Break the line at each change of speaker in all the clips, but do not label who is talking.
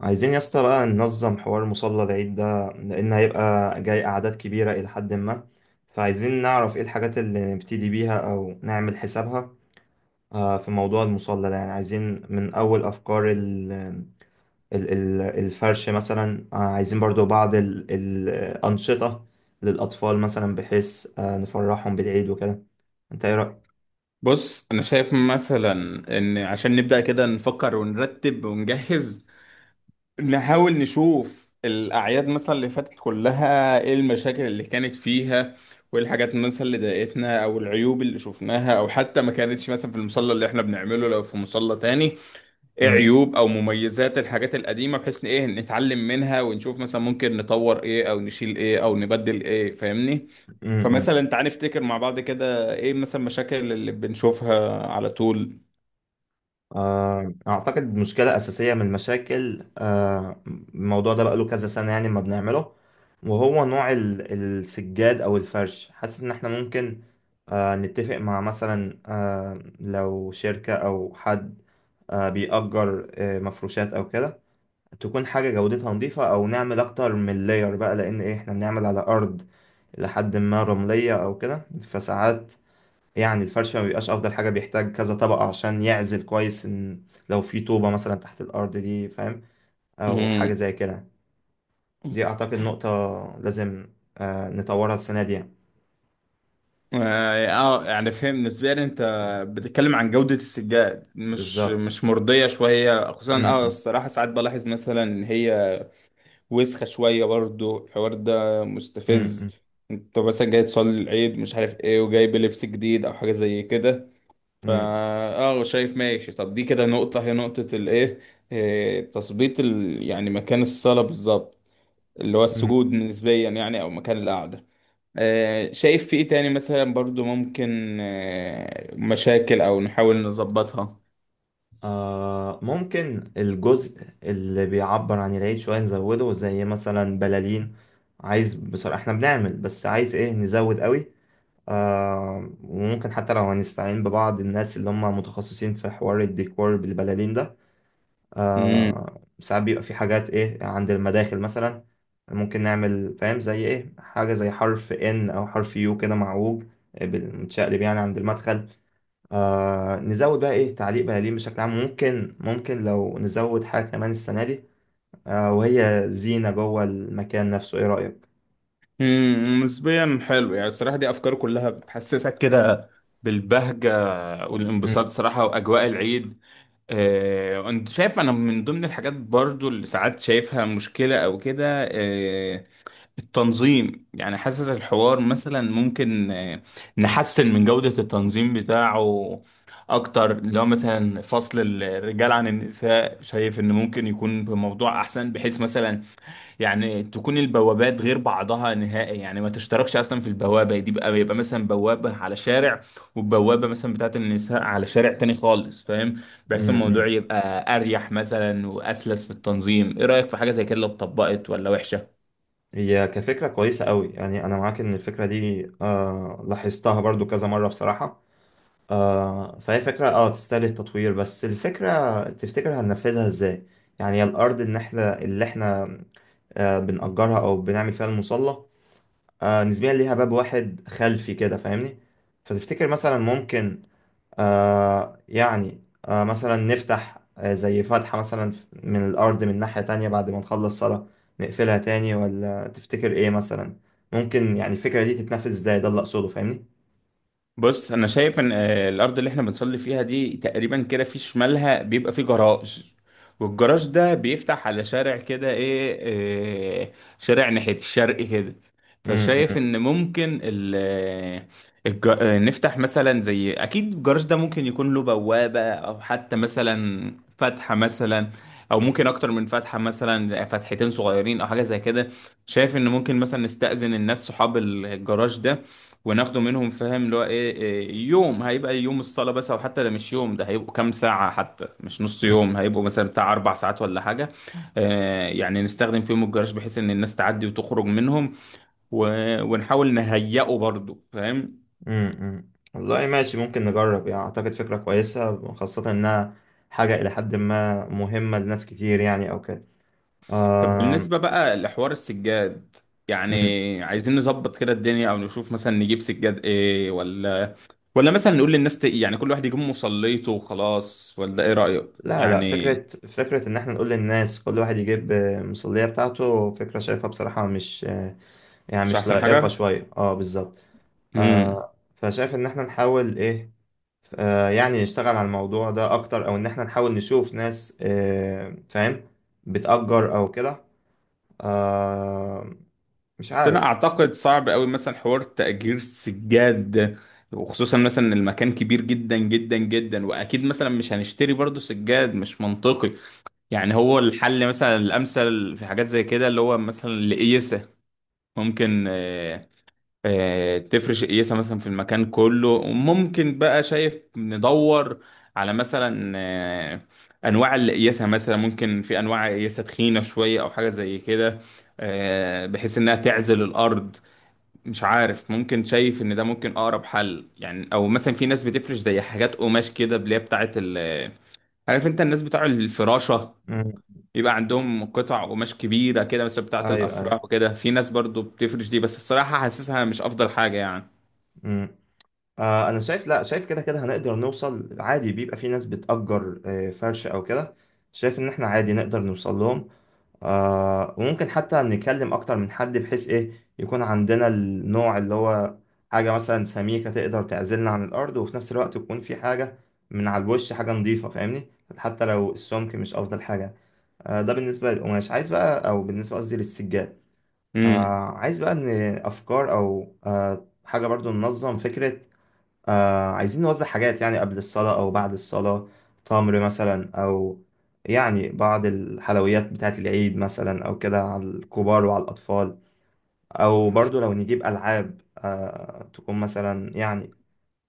عايزين يا اسطى بقى ننظم حوار مصلى العيد ده لأن هيبقى جاي أعداد كبيرة إلى حد ما. فعايزين نعرف إيه الحاجات اللي نبتدي بيها أو نعمل حسابها. في موضوع المصلى ده يعني عايزين من أول أفكار الفرش مثلا، عايزين برضو بعض الأنشطة للأطفال مثلا بحيث نفرحهم بالعيد وكده. أنت إيه
بص انا شايف مثلا ان عشان نبدأ كده نفكر ونرتب ونجهز، نحاول نشوف الاعياد مثلا اللي فاتت كلها ايه المشاكل اللي كانت فيها، وايه الحاجات مثلا اللي ضايقتنا او العيوب اللي شفناها او حتى ما كانتش مثلا في المصلى اللي احنا بنعمله، لو في مصلى تاني ايه
رأيك؟
عيوب او مميزات الحاجات القديمه بحيث ان ايه نتعلم منها ونشوف مثلا ممكن نطور ايه او نشيل ايه او نبدل ايه، فاهمني؟ فمثلا تعال نفتكر مع بعض كده ايه مثلا مشاكل اللي بنشوفها على طول.
أعتقد مشكلة أساسية من المشاكل، الموضوع ده بقاله كذا سنة يعني ما بنعمله، وهو نوع السجاد أو الفرش. حاسس إن إحنا ممكن نتفق مع مثلا، لو شركة أو حد بيأجر مفروشات أو كده، تكون حاجة جودتها نظيفة أو نعمل أكتر من لاير بقى، لأن إيه، إحنا بنعمل على أرض لحد ما رملية أو كده. فساعات يعني الفرش ما بيبقاش افضل حاجه، بيحتاج كذا طبقه عشان يعزل كويس ان لو في طوبه مثلا تحت الارض دي، فاهم، او حاجه
امم
زي كده. دي اعتقد نقطه لازم نطورها السنه دي يعني.
اه. يعني فهم نسبيا، انت بتتكلم عن جودة السجاد مش
بالظبط.
مش مرضية شوية، خصوصا
م-
اه
م-
الصراحة ساعات بلاحظ مثلا ان هي وسخة شوية، برضو الحوار ده مستفز.
م-
انت مثلا جاي تصلي العيد مش عارف ايه وجايب لبس جديد او حاجة زي كده
م-
فا
م-
اه، شايف؟ ماشي. طب دي كده نقطة، هي نقطة الايه، اه، تثبيت يعني مكان الصلاة بالظبط، اللي هو
م.
السجود نسبيا يعني، او مكان القعدة. اه، شايف في ايه تاني مثلا برضو ممكن مشاكل او نحاول نظبطها؟
آه، ممكن الجزء اللي بيعبر عن العيد شويه نزوده، زي مثلا بلالين. عايز بصراحه، احنا بنعمل بس عايز ايه نزود قوي. آه، وممكن حتى لو هنستعين ببعض الناس اللي هم متخصصين في حوار الديكور بالبلالين ده.
مم.
آه، ساعات بيبقى في حاجات ايه عند المداخل مثلا، ممكن نعمل فاهم زي ايه، حاجة زي حرف ان او حرف يو كده معوج، آه، متشقلب يعني عند المدخل. آه، نزود بقى ايه، تعليق بلالين بشكل عام ممكن، ممكن لو نزود حاجة كمان السنة دي، آه، وهي زينة جوه المكان نفسه. ايه رأيك؟
امم، نسبيا حلو يعني الصراحة، دي أفكار كلها بتحسسك كده بالبهجة والانبساط
م-
صراحة وأجواء العيد. وأنت شايف، أنا من ضمن الحاجات برضو اللي ساعات شايفها مشكلة أو كده آه، التنظيم، يعني حاسس الحوار مثلا ممكن نحسن من جودة التنظيم بتاعه أكتر. لو مثلا فصل الرجال عن النساء، شايف إن ممكن يكون بموضوع أحسن، بحيث مثلا يعني تكون البوابات غير بعضها نهائي، يعني ما تشتركش اصلا في البوابه دي بقى. يبقى مثلا بوابه على شارع وبوابه مثلا بتاعت النساء على شارع تاني خالص، فاهم؟
م-
بحيث الموضوع
م.
يبقى اريح مثلا واسلس في التنظيم. ايه رايك في حاجه زي كده لو اتطبقت ولا وحشه؟
هي كفكرة كويسة قوي، يعني أنا معاك إن الفكرة دي آه لاحظتها برضو كذا مرة بصراحة. آه، فهي فكرة اه تستاهل التطوير، بس الفكرة تفتكر هننفذها إزاي؟ يعني الأرض إن إحنا اللي إحنا آه بنأجرها أو بنعمل فيها المصلى، آه نسبيا ليها باب واحد خلفي كده، فاهمني؟ فتفتكر مثلا ممكن آه، يعني آه مثلا نفتح آه زي فتحة مثلا من الأرض من ناحية تانية، بعد ما نخلص صلاة نقفلها تاني، ولا تفتكر إيه مثلا ممكن يعني الفكرة دي تتنفذ إزاي؟ ده اللي أقصده، فاهمني؟
بص انا شايف ان الارض اللي احنا بنصلي فيها دي تقريبا كده في شمالها بيبقى فيه جراج، والجراج ده بيفتح على شارع كده ايه، آه، شارع ناحية الشرق كده.
مم،
فشايف
مم،
ان ممكن ال آه، الج- آه، نفتح مثلا زي اكيد الجراج ده ممكن يكون له بوابة او حتى مثلا فتحة مثلا، او ممكن اكتر من فتحة، مثلا فتحتين صغيرين او حاجة زي كده. شايف ان ممكن مثلا نستأذن الناس صحاب الجراج ده وناخده منهم، فاهم؟ اللي هو ايه، إيه، يوم هيبقى يوم الصلاة بس، او حتى ده مش يوم، ده هيبقوا كام ساعة حتى، مش نص
مم،
يوم، هيبقوا مثلا بتاع اربع ساعات ولا حاجة. آه يعني نستخدم فيهم الجراج بحيث ان الناس تعدي وتخرج منهم، و... ونحاول نهيئه برضو، فاهم؟
مم. والله ماشي، ممكن نجرب. يعني أعتقد فكرة كويسة خاصة إنها حاجة إلى حد ما مهمة لناس كتير يعني أو كده.
طب
آه.
بالنسبة بقى لحوار السجاد، يعني
مم.
عايزين نظبط كده الدنيا او نشوف مثلا نجيب سجاد ايه، ولا مثلا نقول للناس يعني كل واحد يجيب مصليته وخلاص، ولا ايه رأيك؟
لا لا،
يعني
فكرة، فكرة إن إحنا نقول للناس كل واحد يجيب مصلية بتاعته، فكرة شايفها بصراحة مش يعني
مش
مش
احسن
لائقة
حاجة.
شوية اه، بالظبط.
امم،
آه، فشايف ان احنا نحاول ايه، آه يعني نشتغل على الموضوع ده اكتر، او ان احنا نحاول نشوف ناس آه فاهم بتأجر او كده. آه، مش
بس انا
عارف.
اعتقد صعب قوي مثلا حوار تأجير سجاد ده، وخصوصا مثلا إن المكان كبير جدا جدا جدا. واكيد مثلا مش هنشتري برضو سجاد، مش منطقي يعني. هو الحل مثلا الامثل في حاجات زي كده اللي هو مثلا القيسة. ممكن تفرش قيسة مثلا في المكان كله، وممكن بقى شايف ندور على مثلا انواع القياسة، مثلا ممكن في انواع قياسة تخينة شوية او حاجة زي كده، بحيث انها تعزل الارض. مش عارف، ممكن شايف ان ده ممكن اقرب حل يعني. او مثلا في ناس بتفرش زي حاجات قماش كده، اللي هي بتاعت ال، عارف انت الناس بتوع الفراشة،
مم.
يبقى عندهم قطع قماش كبيرة كده مثلا بتاعت
ايوه، ايوه.
الافراح وكده. في ناس برضو بتفرش دي، بس الصراحة حاسسها مش افضل حاجة يعني.
مم. آه، انا شايف، لا شايف كده كده هنقدر نوصل عادي، بيبقى في ناس بتأجر آه، فرش او كده. شايف ان احنا عادي نقدر نوصل لهم، آه، وممكن حتى نكلم اكتر من حد بحيث ايه يكون عندنا النوع اللي هو حاجة مثلا سميكة تقدر تعزلنا عن الارض، وفي نفس الوقت يكون في حاجة من على الوش حاجة نظيفة، فاهمني، حتى لو السمك مش افضل حاجة. آه، ده بالنسبة للقماش، عايز بقى او بالنسبة قصدي للسجاد،
امم.
آه، عايز بقى ان افكار او آه، حاجة برضو ننظم فكرة. آه، عايزين نوزع حاجات يعني قبل الصلاة أو بعد الصلاة، تمر مثلا أو يعني بعض الحلويات بتاعة العيد مثلا أو كده على الكبار وعلى الأطفال، أو برضو لو نجيب ألعاب آه تكون مثلا يعني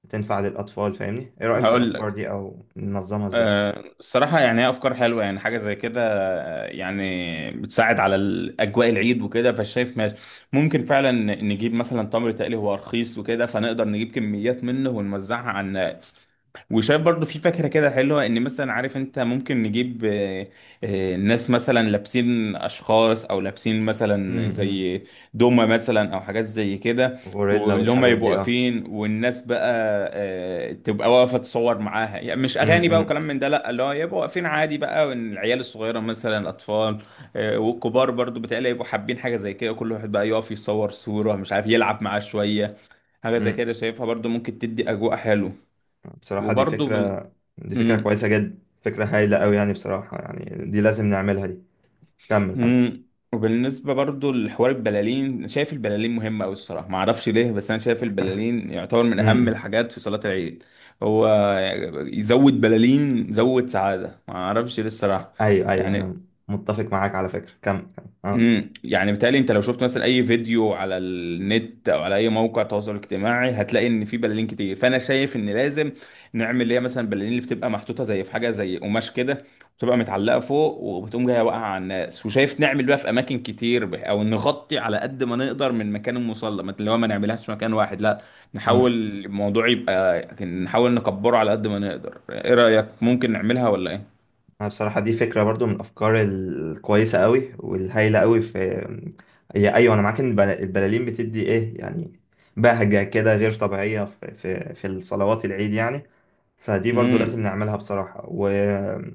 تنفع للأطفال، فاهمني. إيه رأيك في
هقول
الأفكار
لك،
دي، أو ننظمها إزاي؟
الصراحة يعني هي أفكار حلوة. يعني حاجة زي كده يعني بتساعد على أجواء العيد وكده، فشايف ماشي. ممكن فعلا نجيب مثلا تمر تقلي، هو رخيص وكده فنقدر نجيب كميات منه ونوزعها على الناس. وشايف برضو في فكرة كده حلوة إن مثلا، عارف أنت، ممكن نجيب ناس مثلا لابسين أشخاص، أو لابسين مثلا
امم.
زي دومة مثلا أو حاجات زي كده،
غوريلا
واللي هم
والحاجات
يبقوا
دي، أه.
واقفين والناس بقى تبقى واقفه تصور معاها. يعني مش اغاني بقى
امم.
وكلام من ده لا، اللي هو يبقوا واقفين عادي بقى، وإن العيال الصغيره مثلا الاطفال والكبار برضو بتقلي يبقوا حابين حاجه زي كده. كل واحد بقى يقف يصور صوره، مش عارف يلعب معاه شويه. حاجه زي
امم.
كده شايفها برضو ممكن تدي اجواء حلو.
بصراحة دي
وبرضو بال...
فكرة، دي فكرة
مم.
كويسة جدا، فكرة هايلة أوي يعني، بصراحة يعني دي لازم نعملها دي. كمل.
امم. وبالنسبه برضو لحوار البلالين، شايف البلالين مهمه قوي الصراحه، ما اعرفش ليه، بس انا شايف البلالين يعتبر من اهم
كمل.
الحاجات في صلاه العيد. هو يزود بلالين زود سعاده، ما اعرفش ليه الصراحه
ايوه، ايوه،
يعني.
انا متفق معاك على فكره، كم اه.
امم، يعني بالتالي انت لو شفت مثلا اي فيديو على النت او على اي موقع تواصل اجتماعي هتلاقي ان في بلالين كتير. فانا شايف ان لازم نعمل اللي هي مثلا بلالين اللي بتبقى محطوطه زي في حاجه زي قماش كده، بتبقى متعلقه فوق وبتقوم جايه واقعه على الناس. وشايف نعمل بقى في اماكن كتير، او نغطي على قد ما نقدر من مكان المصلى، ما اللي هو ما نعملهاش في مكان واحد لا، نحاول
أمم.
الموضوع يبقى، نحاول نكبره على قد ما نقدر. ايه رايك؟ ممكن نعملها ولا ايه؟
انا بصراحه دي فكره برضو من الافكار الكويسه قوي والهايله قوي في. هي ايوه، انا معاك ان البلالين بتدي ايه يعني بهجه كده غير طبيعيه في في الصلوات العيد يعني، فدي برضو لازم
امم،
نعملها بصراحه. وانا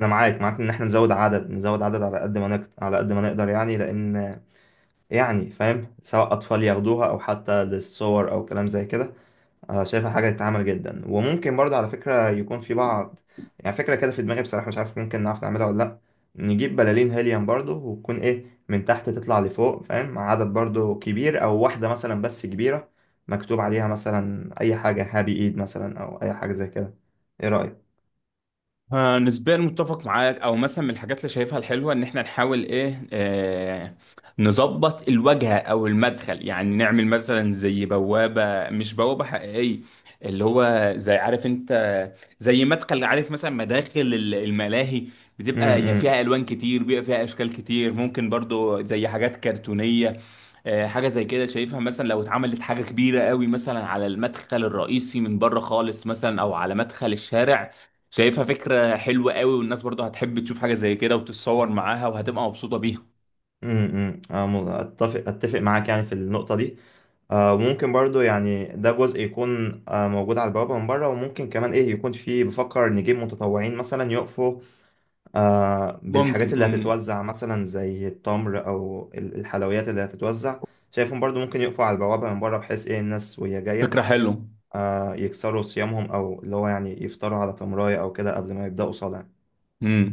معاك معاك ان احنا نزود عدد، نزود عدد على قد ما نقدر، على قد ما نقدر يعني، لان يعني فاهم، سواء اطفال ياخدوها او حتى للصور او كلام زي كده. آه، شايفها حاجة تتعمل جدا. وممكن برضه على فكرة يكون في بعض، يعني فكرة كده في دماغي بصراحة، مش عارف ممكن نعرف نعملها ولا لأ، نجيب بلالين هيليوم برضه، وتكون إيه من تحت تطلع لفوق فاهم، مع عدد برضه كبير، أو واحدة مثلا بس كبيرة مكتوب عليها مثلا أي حاجة، هابي إيد مثلا أو أي حاجة زي كده. إيه
نسبيا متفق معاك. او مثلا من الحاجات اللي شايفها الحلوه ان احنا نحاول ايه نظبط الواجهه او المدخل، يعني نعمل مثلا زي بوابه، مش بوابه حقيقيه، اللي هو زي، عارف انت، زي مدخل، عارف مثلا مداخل الملاهي بتبقى يعني
رأيك؟
فيها الوان كتير، بيبقى فيها اشكال كتير، ممكن برضو زي حاجات كرتونيه. حاجه زي كده شايفها، مثلا لو اتعملت حاجه كبيره قوي مثلا على المدخل الرئيسي من بره خالص، مثلا او على مدخل الشارع، شايفها فكرة حلوة قوي. والناس برضو هتحب تشوف حاجة زي كده وتتصور معاها وهتبقى مبسوطة بيها.
امم. أنا اتفق اتفق معاك يعني في النقطه دي. آه، وممكن برضو يعني ده جزء يكون آه، موجود على البوابه من بره، وممكن كمان ايه، يكون فيه، بفكر نجيب متطوعين مثلا يقفوا آه، بالحاجات
ممكن.
اللي
امم،
هتتوزع، مثلا زي التمر او الحلويات اللي هتتوزع. شايفهم برضو ممكن يقفوا على البوابه من بره، بحيث ايه الناس وهي جايه
فكرة حلوة.
آه، يكسروا صيامهم، او اللي هو يعني يفطروا على تمرايه او كده قبل ما يبداوا صلاه.
امم.